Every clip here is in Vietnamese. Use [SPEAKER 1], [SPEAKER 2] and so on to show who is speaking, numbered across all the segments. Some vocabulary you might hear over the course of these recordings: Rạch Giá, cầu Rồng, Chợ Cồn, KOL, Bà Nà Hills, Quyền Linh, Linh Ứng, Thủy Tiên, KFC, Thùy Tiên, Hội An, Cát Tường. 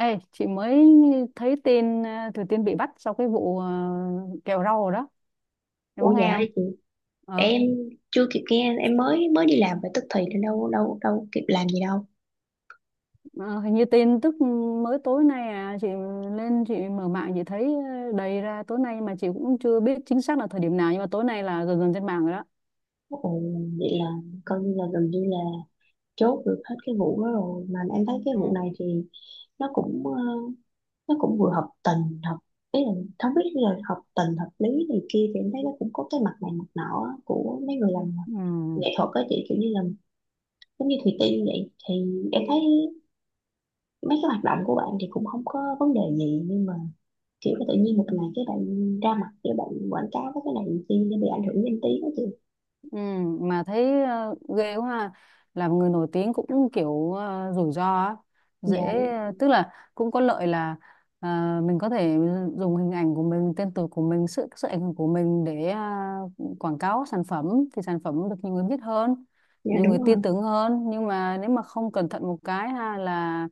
[SPEAKER 1] Ê, chị mới thấy tin Thủy Tiên bị bắt sau cái vụ kẹo rau rồi đó. Em có
[SPEAKER 2] Ủa dạ
[SPEAKER 1] nghe
[SPEAKER 2] hả?
[SPEAKER 1] không? Ờ,
[SPEAKER 2] Em chưa kịp nghe, em mới mới đi làm phải tức thì nên đâu đâu đâu kịp làm gì đâu.
[SPEAKER 1] ờ, Hình như tin tức mới tối nay chị lên chị mở mạng chị thấy đầy ra tối nay, mà chị cũng chưa biết chính xác là thời điểm nào, nhưng mà tối nay là gần gần trên mạng rồi đó.
[SPEAKER 2] Ồ, vậy là coi như là gần như là chốt được hết cái vụ đó rồi. Mà em thấy cái vụ
[SPEAKER 1] Ừ.
[SPEAKER 2] này thì nó cũng nó cũng vừa hợp tình hợp, ý là không biết là hợp tình hợp lý này kia, thì em thấy nó cũng có cái mặt này mặt nọ á, của mấy người làm
[SPEAKER 1] Ừ.
[SPEAKER 2] nghệ thuật á chị, kiểu như là giống như Thùy Tiên vậy. Thì em thấy mấy cái hoạt động của bạn thì cũng không có vấn đề gì, nhưng mà kiểu tự nhiên một ngày cái bạn ra mặt, cái bạn quảng cáo với cái này làm chi nó bị ảnh hưởng danh tiếng đó chị.
[SPEAKER 1] Ừ, mà thấy ghê quá ha. Làm người nổi tiếng cũng kiểu rủi ro á.
[SPEAKER 2] Dạ
[SPEAKER 1] dễ
[SPEAKER 2] đúng.
[SPEAKER 1] Tức là cũng có lợi là ờ, mình có thể dùng hình ảnh của mình, tên tuổi của mình, sự sự ảnh hưởng của mình để quảng cáo sản phẩm, thì sản phẩm được nhiều người biết hơn,
[SPEAKER 2] Dạ
[SPEAKER 1] nhiều người
[SPEAKER 2] đúng rồi.
[SPEAKER 1] tin tưởng hơn. Nhưng mà nếu mà không cẩn thận một cái ha là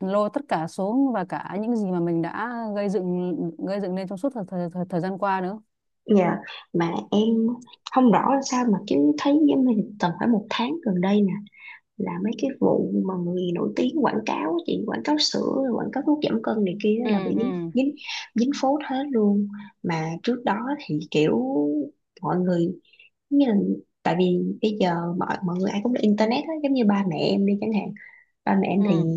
[SPEAKER 1] lôi tất cả xuống, và cả những gì mà mình đã gây dựng lên trong suốt thời gian qua nữa.
[SPEAKER 2] Dạ, mà em không rõ là sao, mà chứ thấy giống như tầm phải một tháng gần đây nè, là mấy cái vụ mà người nổi tiếng quảng cáo á chị, quảng cáo sữa rồi quảng cáo thuốc giảm cân này kia á,
[SPEAKER 1] Ừ.
[SPEAKER 2] là bị dính
[SPEAKER 1] Ừ.
[SPEAKER 2] dính dính phốt hết luôn. Mà trước đó thì kiểu mọi người giống như là, tại vì bây giờ mọi mọi người ai cũng là internet hết, giống như ba mẹ em đi chẳng hạn, ba mẹ em thì
[SPEAKER 1] Ừ.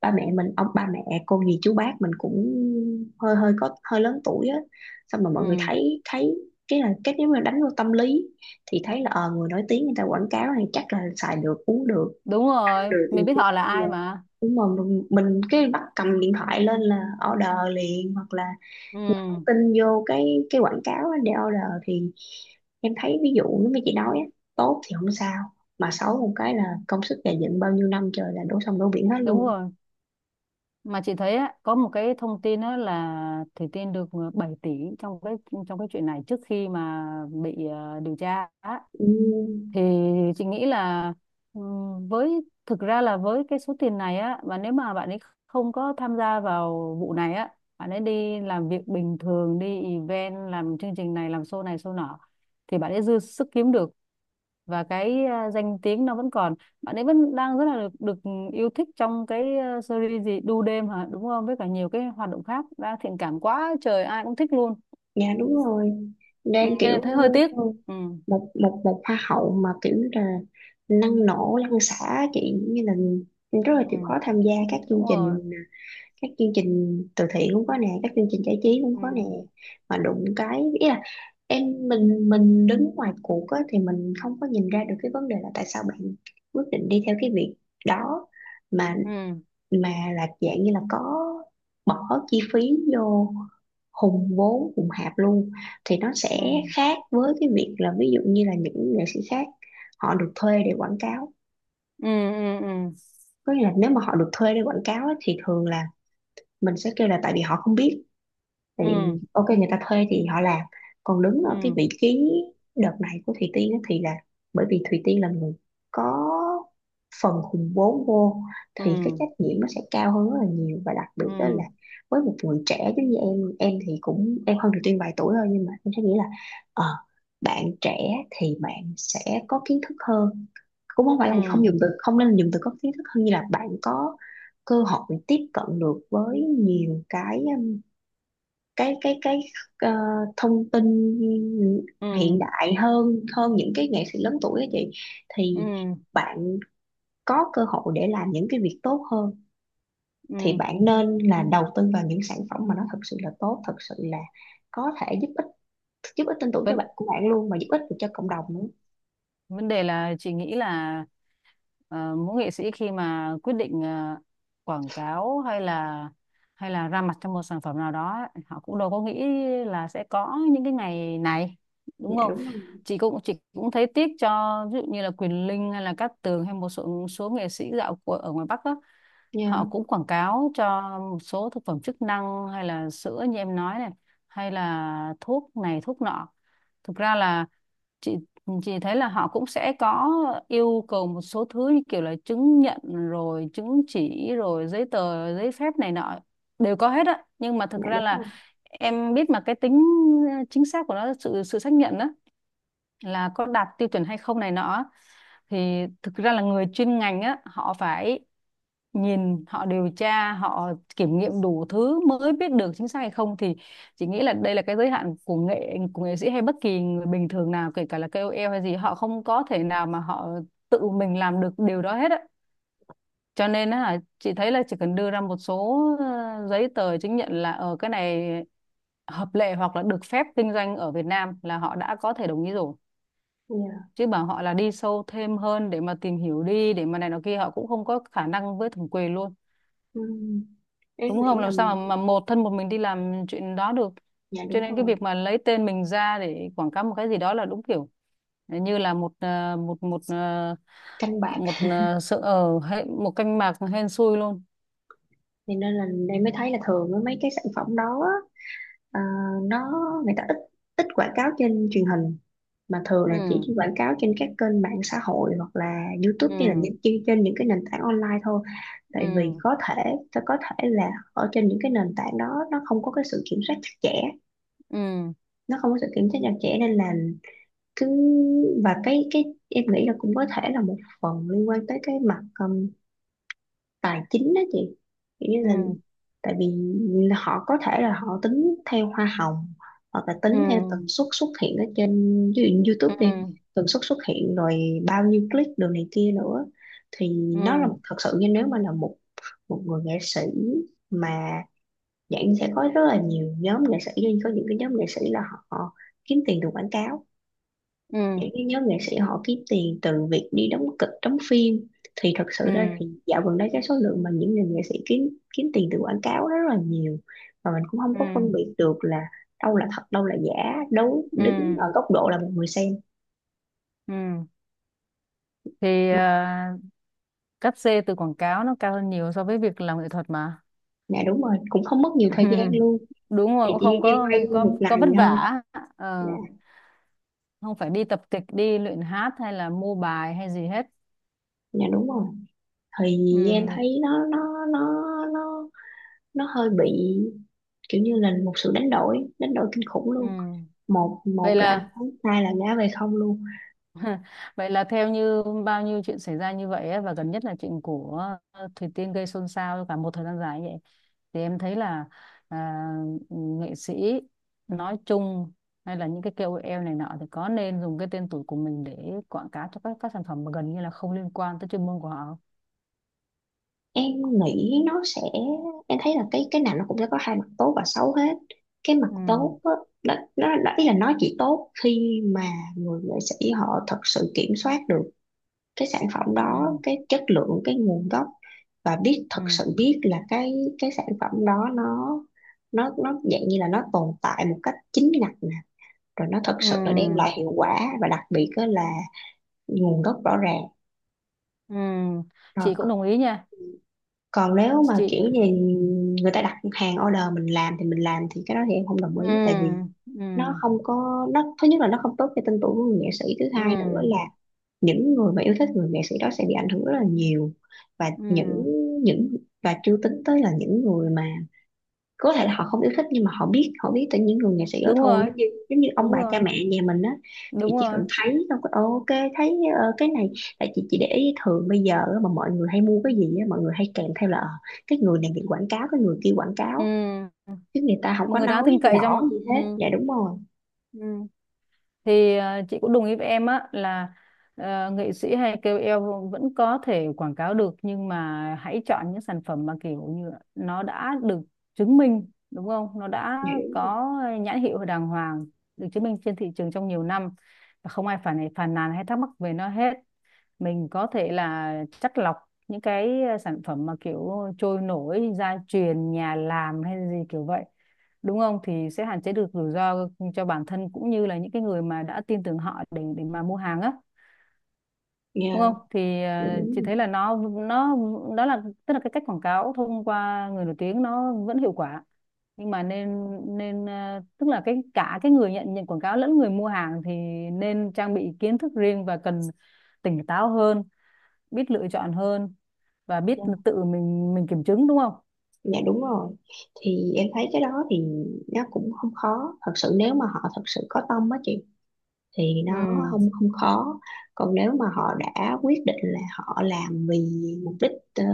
[SPEAKER 2] ba mẹ mình, ông ba mẹ cô dì chú bác mình cũng hơi hơi có hơi lớn tuổi á, xong mà mọi người
[SPEAKER 1] Ừ.
[SPEAKER 2] thấy thấy cái là cái nếu mà đánh vô tâm lý thì thấy là người nổi tiếng người ta quảng cáo này chắc là xài được, uống được,
[SPEAKER 1] Đúng
[SPEAKER 2] ăn
[SPEAKER 1] rồi,
[SPEAKER 2] được này
[SPEAKER 1] mình biết
[SPEAKER 2] kia.
[SPEAKER 1] họ là
[SPEAKER 2] Xong
[SPEAKER 1] ai
[SPEAKER 2] rồi
[SPEAKER 1] mà.
[SPEAKER 2] đúng rồi mình cái bắt cầm điện thoại lên là order liền, hoặc là nhắn
[SPEAKER 1] Ừ.
[SPEAKER 2] tin vô cái quảng cáo á để order. Thì em thấy ví dụ như mấy chị nói á, tốt thì không sao, mà xấu một cái là công sức gầy dựng bao nhiêu năm trời là đổ sông đổ biển hết
[SPEAKER 1] Đúng
[SPEAKER 2] luôn.
[SPEAKER 1] rồi. Mà chị thấy á, có một cái thông tin á là Thủy Tiên được 7 tỷ trong cái chuyện này, trước khi mà bị điều tra á.
[SPEAKER 2] Ừ,
[SPEAKER 1] Thì chị nghĩ là ừ, với thực ra là với cái số tiền này á, và nếu mà bạn ấy không có tham gia vào vụ này á, bạn ấy đi làm việc bình thường, đi event, làm chương trình này, làm show này show nọ, thì bạn ấy dư sức kiếm được. Và cái danh tiếng nó vẫn còn, bạn ấy vẫn đang rất là được yêu thích trong cái series gì Đu đêm hả, đúng không, với cả nhiều cái hoạt động khác đã thiện cảm quá trời, ai cũng thích luôn.
[SPEAKER 2] dạ đúng rồi,
[SPEAKER 1] Ừ,
[SPEAKER 2] đang
[SPEAKER 1] cho
[SPEAKER 2] kiểu
[SPEAKER 1] nên thấy hơi tiếc. Ừ.
[SPEAKER 2] một một một hoa hậu mà kiểu như là năng nổ lăn xả chị, như là rất là
[SPEAKER 1] Ừ.
[SPEAKER 2] chịu khó tham gia các
[SPEAKER 1] Đúng
[SPEAKER 2] chương
[SPEAKER 1] rồi.
[SPEAKER 2] trình, các chương trình từ thiện cũng có nè, các chương trình giải trí cũng
[SPEAKER 1] Ừ.
[SPEAKER 2] có nè. Mà đụng cái, ý là em mình đứng ngoài cuộc á, thì mình không có nhìn ra được cái vấn đề là tại sao bạn quyết định đi theo cái việc đó. mà
[SPEAKER 1] Ừ.
[SPEAKER 2] mà là dạng như là có bỏ chi phí vô, hùng vốn hùng hạp luôn, thì nó sẽ
[SPEAKER 1] Ừ.
[SPEAKER 2] khác với cái việc là ví dụ như là những nghệ sĩ khác họ được thuê để quảng cáo.
[SPEAKER 1] Ừ. Ừ. Ừ.
[SPEAKER 2] Có nghĩa là nếu mà họ được thuê để quảng cáo á, thì thường là mình sẽ kêu là tại vì họ không biết, thì
[SPEAKER 1] Ừ.
[SPEAKER 2] ok người ta thuê thì họ làm. Còn đứng ở cái
[SPEAKER 1] Ừ.
[SPEAKER 2] vị trí đợt này của Thùy Tiên á, thì là bởi vì Thùy Tiên là người có phần hùn vốn vô,
[SPEAKER 1] Ừ.
[SPEAKER 2] thì cái trách nhiệm nó sẽ cao hơn rất là nhiều. Và đặc biệt
[SPEAKER 1] Ừ.
[SPEAKER 2] đó
[SPEAKER 1] Ừ.
[SPEAKER 2] là với một người trẻ giống như em, thì cũng em hơn Thùy Tiên vài tuổi thôi, nhưng mà em sẽ nghĩ là ờ, bạn trẻ thì bạn sẽ có kiến thức hơn, cũng không phải là không
[SPEAKER 1] Ừ.
[SPEAKER 2] dùng từ, không nên dùng từ có kiến thức hơn, như là bạn có cơ hội tiếp cận được với nhiều cái cái cái cái ờ, thông tin hiện
[SPEAKER 1] Ừ.
[SPEAKER 2] đại hơn, hơn những cái nghệ sĩ lớn tuổi á chị.
[SPEAKER 1] Ừ.
[SPEAKER 2] Thì
[SPEAKER 1] Ừ.
[SPEAKER 2] bạn có cơ hội để làm những cái việc tốt hơn, thì
[SPEAKER 1] Ừ.
[SPEAKER 2] bạn nên là đầu tư vào những sản phẩm mà nó thật sự là tốt, thật sự là có thể giúp ích, giúp ích tin tưởng cho
[SPEAKER 1] Vấn
[SPEAKER 2] bạn của bạn luôn, mà giúp ích được cho cộng đồng nữa.
[SPEAKER 1] vấn đề là chị nghĩ là mỗi nghệ sĩ khi mà quyết định quảng cáo, hay là ra mặt trong một sản phẩm nào đó ấy, họ cũng đâu có nghĩ là sẽ có những cái ngày này,
[SPEAKER 2] Dạ
[SPEAKER 1] đúng không.
[SPEAKER 2] đúng rồi.
[SPEAKER 1] Chị cũng thấy tiếc cho ví dụ như là Quyền Linh hay là Cát Tường, hay một số số nghệ sĩ dạo của ở ngoài Bắc đó,
[SPEAKER 2] Dạ.
[SPEAKER 1] họ cũng quảng cáo cho một số thực phẩm chức năng hay là sữa như em nói này, hay là thuốc này thuốc nọ. Thực ra là chị thấy là họ cũng sẽ có yêu cầu một số thứ như kiểu là chứng nhận rồi chứng chỉ rồi giấy tờ giấy phép này nọ đều có hết á. Nhưng mà thực
[SPEAKER 2] Dạ
[SPEAKER 1] ra
[SPEAKER 2] đúng rồi.
[SPEAKER 1] là em biết mà, cái tính chính xác của nó, sự sự xác nhận đó là có đạt tiêu chuẩn hay không này nọ, thì thực ra là người chuyên ngành á, họ phải nhìn, họ điều tra, họ kiểm nghiệm đủ thứ mới biết được chính xác hay không. Thì chị nghĩ là đây là cái giới hạn của nghệ sĩ hay bất kỳ người bình thường nào, kể cả là KOL hay gì, họ không có thể nào mà họ tự mình làm được điều đó hết á. Cho nên á là chị thấy là chỉ cần đưa ra một số giấy tờ chứng nhận là ở cái này hợp lệ hoặc là được phép kinh doanh ở Việt Nam, là họ đã có thể đồng ý rồi.
[SPEAKER 2] Dạ.
[SPEAKER 1] Chứ bảo họ là đi sâu thêm hơn để mà tìm hiểu đi, để mà này nó kia, họ cũng không có khả năng với thẩm quyền luôn,
[SPEAKER 2] Ừm, em
[SPEAKER 1] đúng không,
[SPEAKER 2] nghĩ là
[SPEAKER 1] làm sao mà một thân một mình đi làm chuyện đó được.
[SPEAKER 2] dạ
[SPEAKER 1] Cho
[SPEAKER 2] đúng
[SPEAKER 1] nên cái
[SPEAKER 2] rồi,
[SPEAKER 1] việc mà lấy tên mình ra để quảng cáo một cái gì đó là đúng kiểu như là một
[SPEAKER 2] canh bạc.
[SPEAKER 1] sự ở hệ một canh mạc hên xui luôn.
[SPEAKER 2] Thì nên là em mới thấy là thường á, mấy cái sản phẩm đó á, Ờ, nó người ta ít, quảng cáo trên truyền hình, mà thường là chỉ
[SPEAKER 1] Ừ.
[SPEAKER 2] quảng cáo trên các kênh mạng xã hội, hoặc là YouTube, hay là
[SPEAKER 1] Ừ.
[SPEAKER 2] những trên những cái nền tảng online thôi. Tại vì
[SPEAKER 1] Ừ.
[SPEAKER 2] có thể sẽ có thể là ở trên những cái nền tảng đó nó không có cái sự kiểm soát chặt chẽ,
[SPEAKER 1] Ừ.
[SPEAKER 2] nó không có sự kiểm soát chặt chẽ nên là cứ. Và cái em nghĩ là cũng có thể là một phần liên quan tới cái mặt tài chính đó chị, kiểu như là
[SPEAKER 1] Ừ.
[SPEAKER 2] tại vì họ có thể là họ tính theo hoa hồng, hoặc là tính
[SPEAKER 1] Ừ.
[SPEAKER 2] theo tần suất xuất hiện ở trên, ví dụ như YouTube đi,
[SPEAKER 1] Ừ.
[SPEAKER 2] tần suất xuất hiện rồi bao nhiêu click đồ này kia nữa. Thì nó là
[SPEAKER 1] Ừ.
[SPEAKER 2] thật sự như nếu mà là một một người nghệ sĩ mà, dạng sẽ có rất là nhiều nhóm nghệ sĩ, nhưng có những cái nhóm nghệ sĩ là họ kiếm tiền từ quảng cáo,
[SPEAKER 1] Ừ.
[SPEAKER 2] những cái nhóm nghệ sĩ họ kiếm tiền từ việc đi đóng kịch đóng phim. Thì thật sự ra
[SPEAKER 1] Ừ.
[SPEAKER 2] thì dạo gần đây cái số lượng mà những người nghệ sĩ kiếm kiếm tiền từ quảng cáo rất là nhiều, và mình cũng không
[SPEAKER 1] Ừ.
[SPEAKER 2] có
[SPEAKER 1] Ừ.
[SPEAKER 2] phân biệt được là đâu là thật đâu là giả, đấu
[SPEAKER 1] Ừ.
[SPEAKER 2] đứng ở góc độ là một người xem
[SPEAKER 1] Ừ. Thì
[SPEAKER 2] mà.
[SPEAKER 1] cắt xê từ quảng cáo nó cao hơn nhiều so với việc làm nghệ thuật mà.
[SPEAKER 2] Dạ đúng rồi, cũng không mất nhiều thời gian luôn.
[SPEAKER 1] Đúng rồi,
[SPEAKER 2] Thì
[SPEAKER 1] cũng
[SPEAKER 2] chỉ
[SPEAKER 1] không
[SPEAKER 2] đi quay một
[SPEAKER 1] có vất
[SPEAKER 2] ngày thôi.
[SPEAKER 1] vả.
[SPEAKER 2] Dạ.
[SPEAKER 1] Ờ, Không phải đi tập kịch, đi luyện hát, hay là mua bài hay gì hết.
[SPEAKER 2] Dạ đúng rồi. Thì
[SPEAKER 1] Ừ.
[SPEAKER 2] em thấy nó nó hơi bị kiểu như là một sự đánh đổi, đánh đổi kinh khủng
[SPEAKER 1] Ừ.
[SPEAKER 2] luôn. một
[SPEAKER 1] vậy
[SPEAKER 2] một là ăn
[SPEAKER 1] là
[SPEAKER 2] không, hai là ngã về không luôn.
[SPEAKER 1] Vậy là theo như bao nhiêu chuyện xảy ra như vậy ấy, và gần nhất là chuyện của Thủy Tiên gây xôn xao cả một thời gian dài như vậy, thì em thấy là à, nghệ sĩ nói chung, hay là những cái KOL này nọ, thì có nên dùng cái tên tuổi của mình để quảng cáo cho các sản phẩm mà gần như là không liên quan tới chuyên môn của họ không?
[SPEAKER 2] Em nghĩ nó sẽ, em thấy là cái nào nó cũng sẽ có hai mặt tốt và xấu hết. Cái mặt tốt á, đó, nó đó, ý là nó chỉ tốt khi mà người nghệ sĩ họ thật sự kiểm soát được cái sản phẩm
[SPEAKER 1] Ừ.
[SPEAKER 2] đó,
[SPEAKER 1] Ừ.
[SPEAKER 2] cái chất lượng, cái nguồn gốc, và biết thật
[SPEAKER 1] Ừ.
[SPEAKER 2] sự, biết là cái sản phẩm đó nó dạng như là nó tồn tại một cách chính ngạch nè, rồi nó thật sự là đem lại
[SPEAKER 1] Ừ.
[SPEAKER 2] hiệu quả, và đặc biệt á là nguồn gốc rõ ràng,
[SPEAKER 1] Ừ.
[SPEAKER 2] rồi
[SPEAKER 1] Chị cũng đồng ý nha
[SPEAKER 2] còn nếu mà
[SPEAKER 1] chị.
[SPEAKER 2] kiểu gì người ta đặt hàng order mình làm thì mình làm, thì cái đó thì em không
[SPEAKER 1] Ừ.
[SPEAKER 2] đồng ý. Tại vì
[SPEAKER 1] Ừ.
[SPEAKER 2] nó không có nó, thứ nhất là nó không tốt cho tên tuổi của người nghệ sĩ, thứ hai nữa là
[SPEAKER 1] Ừ.
[SPEAKER 2] những người mà yêu thích người nghệ sĩ đó sẽ bị ảnh hưởng rất là nhiều. Và
[SPEAKER 1] Ừ.
[SPEAKER 2] những và chưa tính tới là những người mà có thể là họ không yêu thích, nhưng mà họ biết, họ biết từ những người nghệ sĩ đó
[SPEAKER 1] Đúng
[SPEAKER 2] thôi,
[SPEAKER 1] rồi,
[SPEAKER 2] giống như ông bà
[SPEAKER 1] đúng rồi,
[SPEAKER 2] cha mẹ nhà mình á. Thì
[SPEAKER 1] đúng
[SPEAKER 2] chỉ
[SPEAKER 1] rồi.
[SPEAKER 2] cần thấy xong cái ok, thấy cái này tại chị để ý thường bây giờ á, mà mọi người hay mua cái gì á, mọi người hay kèm theo là cái người này bị quảng cáo, cái người kia quảng
[SPEAKER 1] Ừ.
[SPEAKER 2] cáo, chứ người ta không
[SPEAKER 1] Một
[SPEAKER 2] có
[SPEAKER 1] người đáng
[SPEAKER 2] nói
[SPEAKER 1] tin cậy
[SPEAKER 2] rõ
[SPEAKER 1] trong.
[SPEAKER 2] gì hết.
[SPEAKER 1] Ừ.
[SPEAKER 2] Dạ đúng rồi.
[SPEAKER 1] Ừ. Thì chị cũng đồng ý với em á là nghệ sĩ hay KOL vẫn có thể quảng cáo được, nhưng mà hãy chọn những sản phẩm mà kiểu như là nó đã được chứng minh, đúng không, nó đã
[SPEAKER 2] Dạ đúng rồi.
[SPEAKER 1] có nhãn hiệu đàng hoàng, được chứng minh trên thị trường trong nhiều năm, và không ai phản phàn nàn hay thắc mắc về nó hết. Mình có thể là chắt lọc những cái sản phẩm mà kiểu trôi nổi, gia truyền, nhà làm hay gì kiểu vậy, đúng không, thì sẽ hạn chế được rủi ro cho bản thân cũng như là những cái người mà đã tin tưởng họ để mà mua hàng á,
[SPEAKER 2] Dạ.
[SPEAKER 1] đúng không. Thì
[SPEAKER 2] Dạ đúng
[SPEAKER 1] chị thấy là
[SPEAKER 2] rồi.
[SPEAKER 1] nó, đó là, tức là cái cách quảng cáo thông qua người nổi tiếng nó vẫn hiệu quả, nhưng mà nên nên tức là cái cả cái người nhận nhận quảng cáo lẫn người mua hàng thì nên trang bị kiến thức riêng, và cần tỉnh táo hơn, biết lựa chọn hơn, và biết
[SPEAKER 2] Dạ.
[SPEAKER 1] tự mình kiểm chứng, đúng không?
[SPEAKER 2] Dạ, đúng rồi. Thì em thấy cái đó thì nó cũng không khó, thật sự nếu mà họ thật sự có tâm á chị, thì
[SPEAKER 1] Ừ.
[SPEAKER 2] nó không không khó. Còn nếu mà họ đã quyết định là họ làm vì mục đích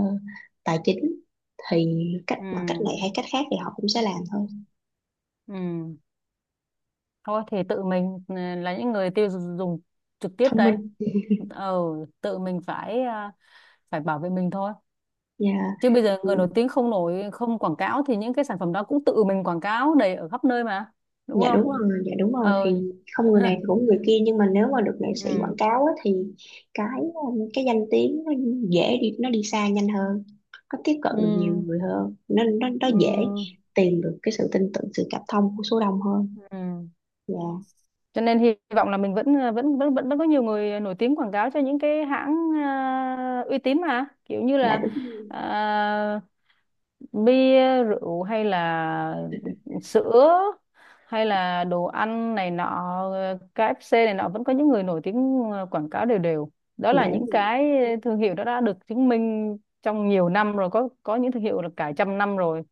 [SPEAKER 2] tài chính, thì cách, bằng cách này
[SPEAKER 1] Ừ.
[SPEAKER 2] hay cách khác thì họ cũng sẽ làm thôi.
[SPEAKER 1] Ừ. Thôi thì tự mình ừ, là những người tiêu dùng trực tiếp
[SPEAKER 2] Thông
[SPEAKER 1] đây,
[SPEAKER 2] minh.
[SPEAKER 1] ờ tự mình phải phải bảo vệ mình thôi.
[SPEAKER 2] Dạ.
[SPEAKER 1] Chứ bây giờ
[SPEAKER 2] Ừ,
[SPEAKER 1] người nổi tiếng không nổi, không quảng cáo, thì những cái sản phẩm đó cũng tự mình quảng cáo đầy ở khắp nơi mà, đúng
[SPEAKER 2] dạ
[SPEAKER 1] không.
[SPEAKER 2] đúng rồi. Dạ đúng rồi,
[SPEAKER 1] ờ
[SPEAKER 2] thì không người này thì cũng người kia, nhưng mà nếu mà được nghệ sĩ quảng
[SPEAKER 1] ừ.
[SPEAKER 2] cáo á, thì cái danh tiếng nó dễ đi, nó đi xa nhanh hơn, nó tiếp cận được nhiều
[SPEAKER 1] Ừ.
[SPEAKER 2] người hơn, nó dễ
[SPEAKER 1] Ừ.
[SPEAKER 2] tìm được cái sự tin tưởng, sự cảm thông của số đông hơn.
[SPEAKER 1] Ừ.
[SPEAKER 2] Dạ.
[SPEAKER 1] Cho nên hy vọng là mình vẫn ờ, vẫn vẫn vẫn vẫn có nhiều người nổi tiếng quảng cáo cho những cái hãng uy tín, mà kiểu như
[SPEAKER 2] Dạ
[SPEAKER 1] là
[SPEAKER 2] đúng.
[SPEAKER 1] à, bia rượu, hay là sữa, hay là đồ ăn này nọ, KFC này nọ, vẫn có những người nổi tiếng quảng cáo đều đều. Đó
[SPEAKER 2] Dạ
[SPEAKER 1] là những
[SPEAKER 2] đúng.
[SPEAKER 1] cái thương hiệu đó đã được chứng minh trong nhiều năm rồi, có những thương hiệu là cả trăm năm rồi,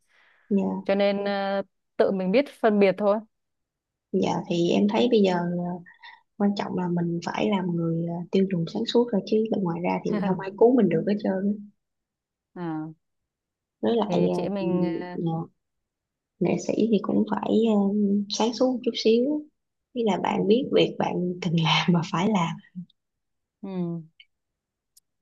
[SPEAKER 1] cho
[SPEAKER 2] Dạ.
[SPEAKER 1] nên tự mình biết phân biệt thôi.
[SPEAKER 2] Dạ thì em thấy bây giờ, quan trọng là mình phải làm người à, tiêu dùng sáng suốt rồi, chứ bên ngoài ra thì không ai cứu mình được hết trơn á.
[SPEAKER 1] à,
[SPEAKER 2] Với lại
[SPEAKER 1] thì
[SPEAKER 2] à,
[SPEAKER 1] chị em
[SPEAKER 2] ừ,
[SPEAKER 1] mình
[SPEAKER 2] nghệ sĩ thì cũng phải à, sáng suốt một chút xíu. Ý là
[SPEAKER 1] Ừ.
[SPEAKER 2] bạn biết việc bạn cần làm mà phải làm.
[SPEAKER 1] Ừ.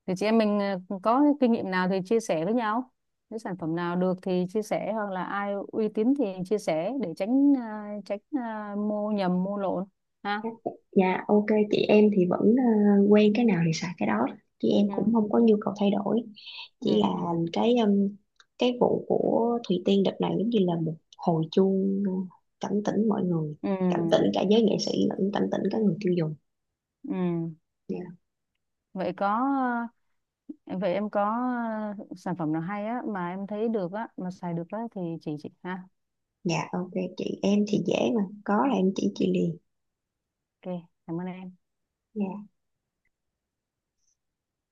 [SPEAKER 1] Thì chị em mình có kinh nghiệm nào thì chia sẻ với nhau. Nếu sản phẩm nào được thì chia sẻ, hoặc là ai uy tín thì chia sẻ để tránh, mua nhầm mua lộn ha.
[SPEAKER 2] Dạ ok, chị em thì vẫn quen cái nào thì xài cái đó, chị em cũng
[SPEAKER 1] Ừ.
[SPEAKER 2] không có nhu cầu thay đổi, chỉ
[SPEAKER 1] Ừ.
[SPEAKER 2] là cái um, cái vụ của Thùy Tiên đợt này giống như là một hồi chuông cảnh tỉnh mọi người,
[SPEAKER 1] Ừ.
[SPEAKER 2] cảnh tỉnh
[SPEAKER 1] Ừ.
[SPEAKER 2] cả giới nghệ sĩ, lẫn cảnh tỉnh cả người tiêu dùng.
[SPEAKER 1] Ừ.
[SPEAKER 2] Dạ.
[SPEAKER 1] Vậy có ờ, vậy em có sản phẩm nào hay á, mà em thấy được á, mà xài được á, thì chị ha.
[SPEAKER 2] Dạ, ok, chị em thì dễ mà, có là em chỉ chị liền.
[SPEAKER 1] Ok, cảm ơn em.
[SPEAKER 2] Dạ.